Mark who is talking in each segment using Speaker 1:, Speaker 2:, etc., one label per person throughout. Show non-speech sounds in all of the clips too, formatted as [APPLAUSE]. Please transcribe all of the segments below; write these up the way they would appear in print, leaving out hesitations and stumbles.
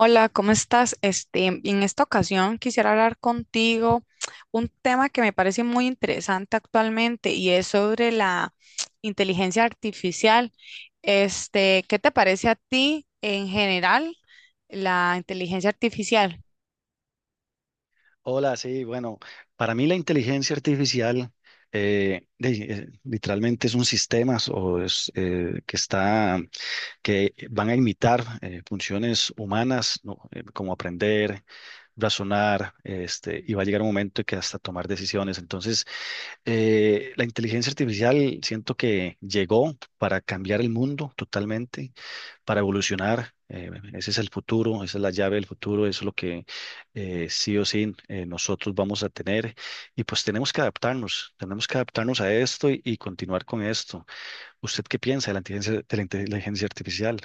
Speaker 1: Hola, ¿cómo estás? En esta ocasión quisiera hablar contigo un tema que me parece muy interesante actualmente y es sobre la [TSK] inteligencia artificial. ¿Qué te parece a ti en general la inteligencia artificial?
Speaker 2: Hola, sí, bueno, para mí la inteligencia artificial literalmente es un sistema o que van a imitar funciones humanas, ¿no? Como aprender, razonar, este, y va a llegar un momento que hasta tomar decisiones. Entonces, la inteligencia artificial siento que llegó para cambiar el mundo totalmente para evolucionar. Ese es el futuro, esa es la llave del futuro, eso es lo que sí o sí nosotros vamos a tener. Y pues tenemos que adaptarnos a esto y continuar con esto. ¿Usted qué piensa de la inteligencia artificial?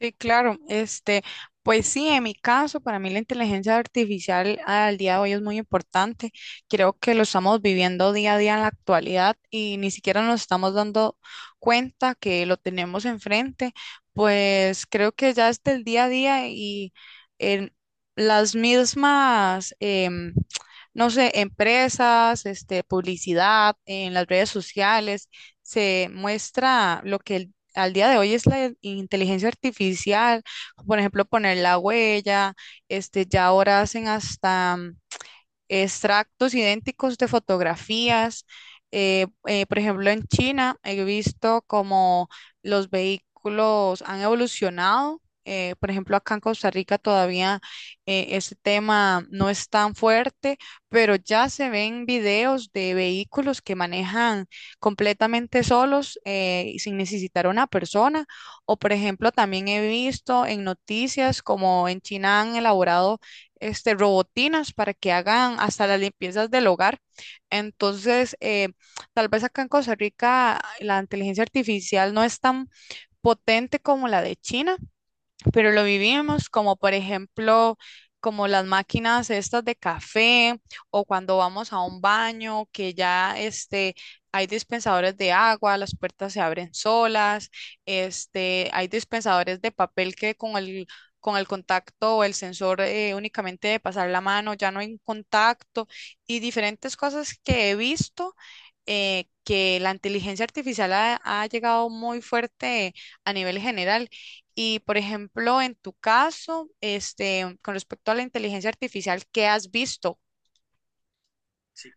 Speaker 1: Sí, claro. Pues sí, en mi caso, para mí la inteligencia artificial al día de hoy es muy importante. Creo que lo estamos viviendo día a día en la actualidad y ni siquiera nos estamos dando cuenta que lo tenemos enfrente. Pues creo que ya es del día a día y en las mismas, no sé, empresas, publicidad, en las redes sociales, se muestra lo que el al día de hoy es la inteligencia artificial, por ejemplo, poner la huella, ya ahora hacen hasta extractos idénticos de fotografías. Por ejemplo, en China he visto como los vehículos han evolucionado. Por ejemplo, acá en Costa Rica todavía ese tema no es tan fuerte, pero ya se ven videos de vehículos que manejan completamente solos y sin necesitar una persona. O, por ejemplo, también he visto en noticias como en China han elaborado robotinas para que hagan hasta las limpiezas del hogar. Entonces, tal vez acá en Costa Rica la inteligencia artificial no es tan potente como la de China, pero lo vivíamos como por ejemplo, como las máquinas estas de café o cuando vamos a un baño que ya hay dispensadores de agua, las puertas se abren solas, hay dispensadores de papel que con el con el contacto o el sensor únicamente de pasar la mano, ya no hay un contacto y diferentes cosas que he visto que la inteligencia artificial ha llegado muy fuerte a nivel general y, por ejemplo, en tu caso, con respecto a la inteligencia artificial, ¿qué has visto?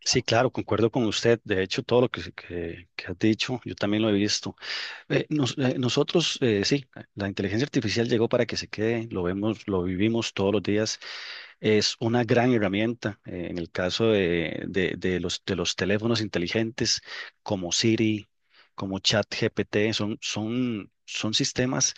Speaker 2: Sí, claro, concuerdo con usted. De hecho, todo lo que has dicho, yo también lo he visto. Nosotros, sí, la inteligencia artificial llegó para que se quede, lo vemos, lo vivimos todos los días. Es una gran herramienta en el caso de los teléfonos inteligentes como Siri, como ChatGPT, son sistemas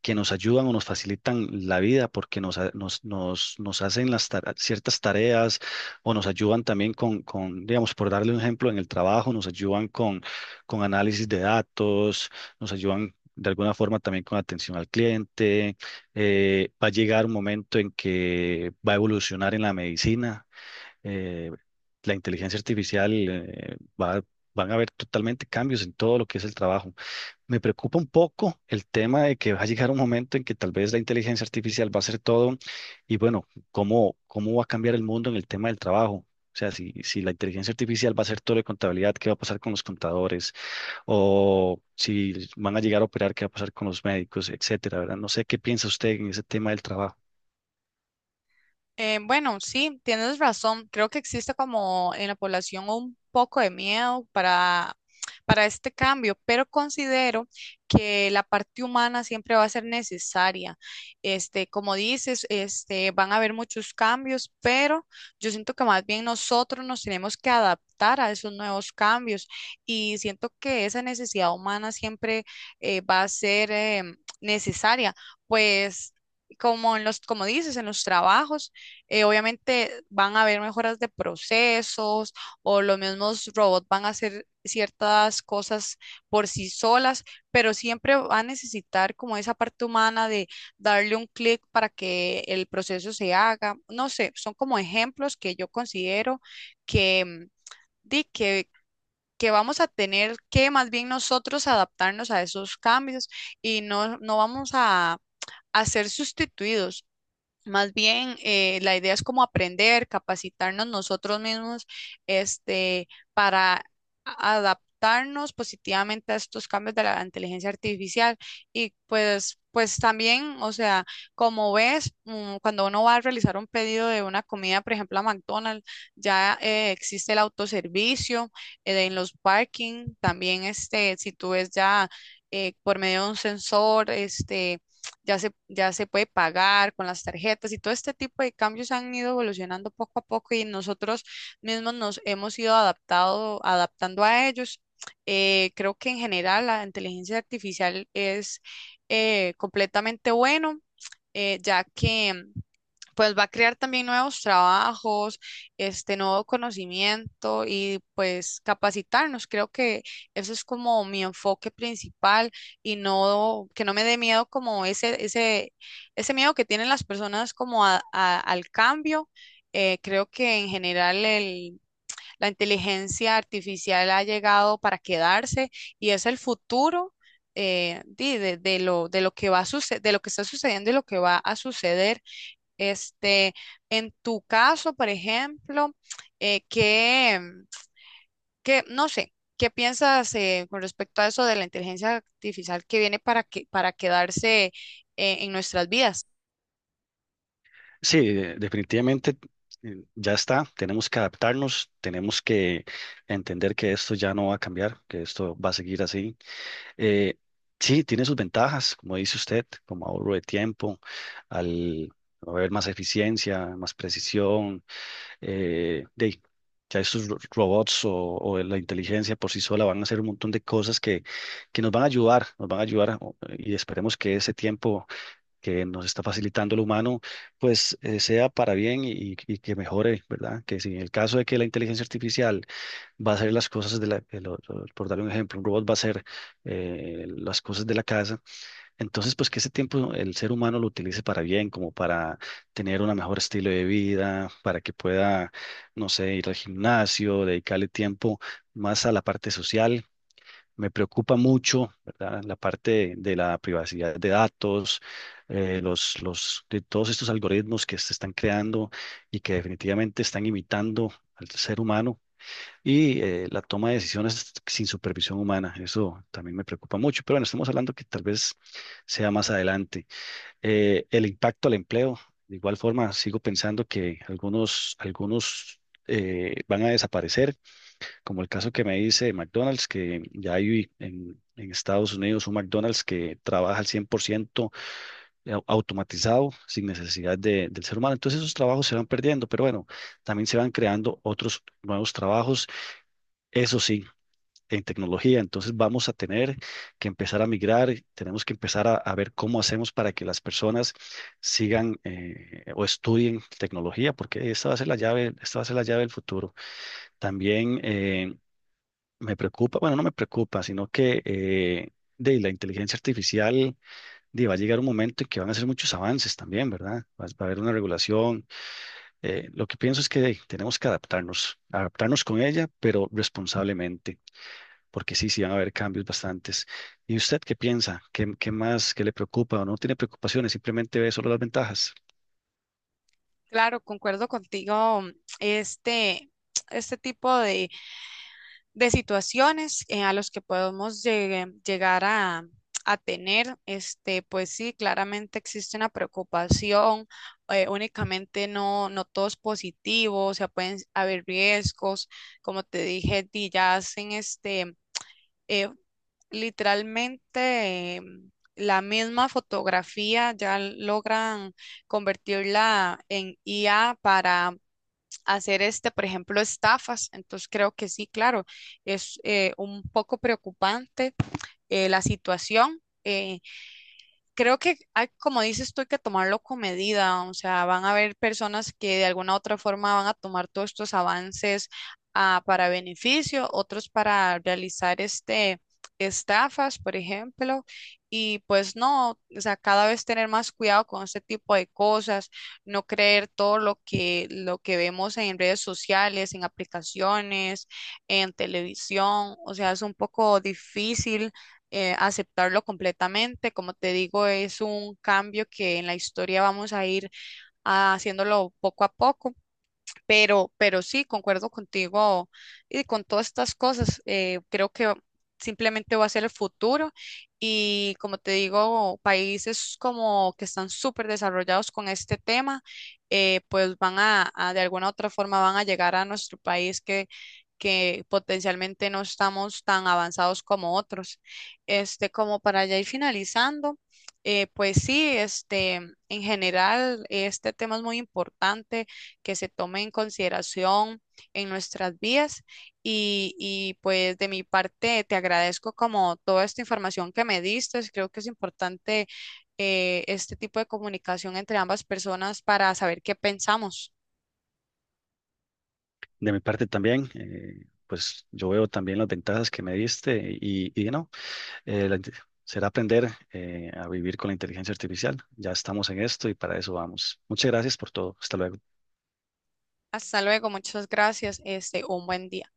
Speaker 2: que nos ayudan o nos facilitan la vida porque nos, ha- nos, nos, nos hacen las ciertas tareas o nos ayudan también con digamos, por darle un ejemplo, en el trabajo, nos ayudan con análisis de datos, nos ayudan de alguna forma también con atención al cliente. Va a llegar un momento en que va a evolucionar en la medicina. eh, la inteligencia artificial, va, van a haber totalmente cambios en todo lo que es el trabajo. Me preocupa un poco el tema de que va a llegar un momento en que tal vez la inteligencia artificial va a hacer todo y bueno, ¿cómo, cómo va a cambiar el mundo en el tema del trabajo? O sea, si la inteligencia artificial va a hacer todo de contabilidad, ¿qué va a pasar con los contadores? O si van a llegar a operar, ¿qué va a pasar con los médicos, etcétera, ¿verdad? No sé qué piensa usted en ese tema del trabajo.
Speaker 1: Bueno, sí, tienes razón. Creo que existe como en la población un poco de miedo para este cambio, pero considero que la parte humana siempre va a ser necesaria. Como dices, van a haber muchos cambios, pero yo siento que más bien nosotros nos tenemos que adaptar a esos nuevos cambios y siento que esa necesidad humana siempre va a ser necesaria, pues como en los, como dices, en los trabajos obviamente van a haber mejoras de procesos o los mismos robots van a hacer ciertas cosas por sí solas, pero siempre va a necesitar como esa parte humana de darle un clic para que el proceso se haga. No sé, son como ejemplos que yo considero que, mm, que que vamos a tener que más bien nosotros adaptarnos a esos cambios y no vamos a ser sustituidos. Más bien, la idea es como aprender, capacitarnos nosotros mismos, este, para adaptarnos positivamente a estos cambios de la inteligencia artificial. Y pues, pues también, o sea, como ves, cuando uno va a realizar un pedido de una comida, por ejemplo, a McDonald's, ya existe el autoservicio en los parking. También, si tú ves ya por medio de un sensor, ya se puede pagar con las tarjetas y todo este tipo de cambios han ido evolucionando poco a poco y nosotros mismos nos hemos ido adaptando a ellos. Creo que en general la inteligencia artificial es completamente bueno, ya que pues va a crear también nuevos trabajos, este nuevo conocimiento y pues capacitarnos. Creo que eso es como mi enfoque principal y no que no me dé miedo como ese miedo que tienen las personas como al cambio. Creo que en general la inteligencia artificial ha llegado para quedarse y es el futuro de lo que va a suce- de lo que está sucediendo y lo que va a suceder. Este, en tu caso, por ejemplo, eh, ¿qué, no sé, ¿qué piensas con respecto a eso de la inteligencia artificial que viene para quedarse en nuestras vidas?
Speaker 2: Definitivamente ya está. Tenemos que adaptarnos, tenemos que entender que esto ya no va a cambiar, que esto va a seguir así. Eh, sí, tiene sus ventajas, como dice usted, como ahorro de tiempo, al haber más eficiencia, más precisión. eh, de, ya estos robots o la inteligencia por sí sola van a hacer un montón de cosas que nos van a ayudar, nos van a ayudar y esperemos que ese tiempo que nos está facilitando el humano, pues sea para bien y que mejore, ¿verdad? Que si en el caso de que la inteligencia artificial va a hacer las cosas de la, de lo- por dar un ejemplo, un robot va a hacer las cosas de la casa. Entonces, pues que ese tiempo el ser humano lo utilice para bien, como para tener un mejor estilo de vida, para que pueda, no sé, ir al gimnasio, dedicarle tiempo más a la parte social. Me preocupa mucho, ¿verdad? La parte de, la privacidad de datos, de todos estos algoritmos que se están creando y que definitivamente están imitando al ser humano y la toma de decisiones sin supervisión humana. Eso también me preocupa mucho, pero bueno, estamos hablando que tal vez sea más adelante. El impacto al empleo, de igual forma, sigo pensando que algunos van a desaparecer, como el caso que me dice de McDonald's, que ya hay en Estados Unidos un McDonald's que trabaja al 100% automatizado, sin necesidad del ser humano. Entonces esos trabajos se van perdiendo, pero bueno, también se van creando otros nuevos trabajos. Eso sí en tecnología. Entonces vamos a tener que empezar a migrar, tenemos que empezar a ver cómo hacemos para que las personas sigan o estudien tecnología, porque esta va a ser la llave, esta va a ser la llave del futuro. También me preocupa, bueno, no me preocupa, sino que de la inteligencia artificial va a llegar un momento en que van a hacer muchos avances también, ¿verdad? Va a haber una regulación. Lo que pienso es que tenemos que adaptarnos, adaptarnos con ella, pero responsablemente porque sí van a haber cambios bastantes. ¿Y usted qué piensa? ¿Qué, qué más, qué le preocupa o no tiene preocupaciones? Simplemente ve solo las ventajas.
Speaker 1: Claro, concuerdo contigo. Este, este tipo de situaciones a los que podemos llegar a tener, pues sí, claramente existe una preocupación, únicamente no todo es positivo, o sea, pueden haber riesgos, como te dije, y ya hacen eh, literalmente... eh, la misma fotografía ya logran convertirla en IA para hacer por ejemplo, estafas. Entonces creo que sí, claro, es un poco preocupante la situación. Creo que, como dices tú, hay que tomarlo con medida, o sea, van a haber personas que de alguna u otra forma van a tomar todos estos avances para beneficio, otros para realizar estafas, por ejemplo, y pues no, o sea, cada vez tener más cuidado con este tipo de cosas, no creer todo lo que vemos en redes sociales, en aplicaciones, en televisión, o sea, es un poco difícil aceptarlo completamente. Como te digo, es un cambio que en la historia vamos a ir haciéndolo poco a poco. Pero sí, concuerdo contigo y con todas estas cosas. Creo que simplemente va a ser el futuro y como te digo, países como que están súper desarrollados con este tema, pues van a, de alguna u otra forma, van a llegar a nuestro país que potencialmente no estamos tan avanzados como otros. Como para ya ir finalizando, pues sí, en general, este tema es muy importante que se tome en consideración en nuestras vías y pues de mi parte te agradezco como toda esta información que me diste. Creo que es importante este tipo de comunicación entre ambas personas para saber qué pensamos.
Speaker 2: De mi parte también, pues yo veo también las ventajas que me diste y no, eh, la inte- será aprender a vivir con la inteligencia artificial. Ya estamos en esto y para eso vamos. Muchas gracias por todo. Hasta luego.
Speaker 1: Hasta luego, muchas gracias. Un buen día.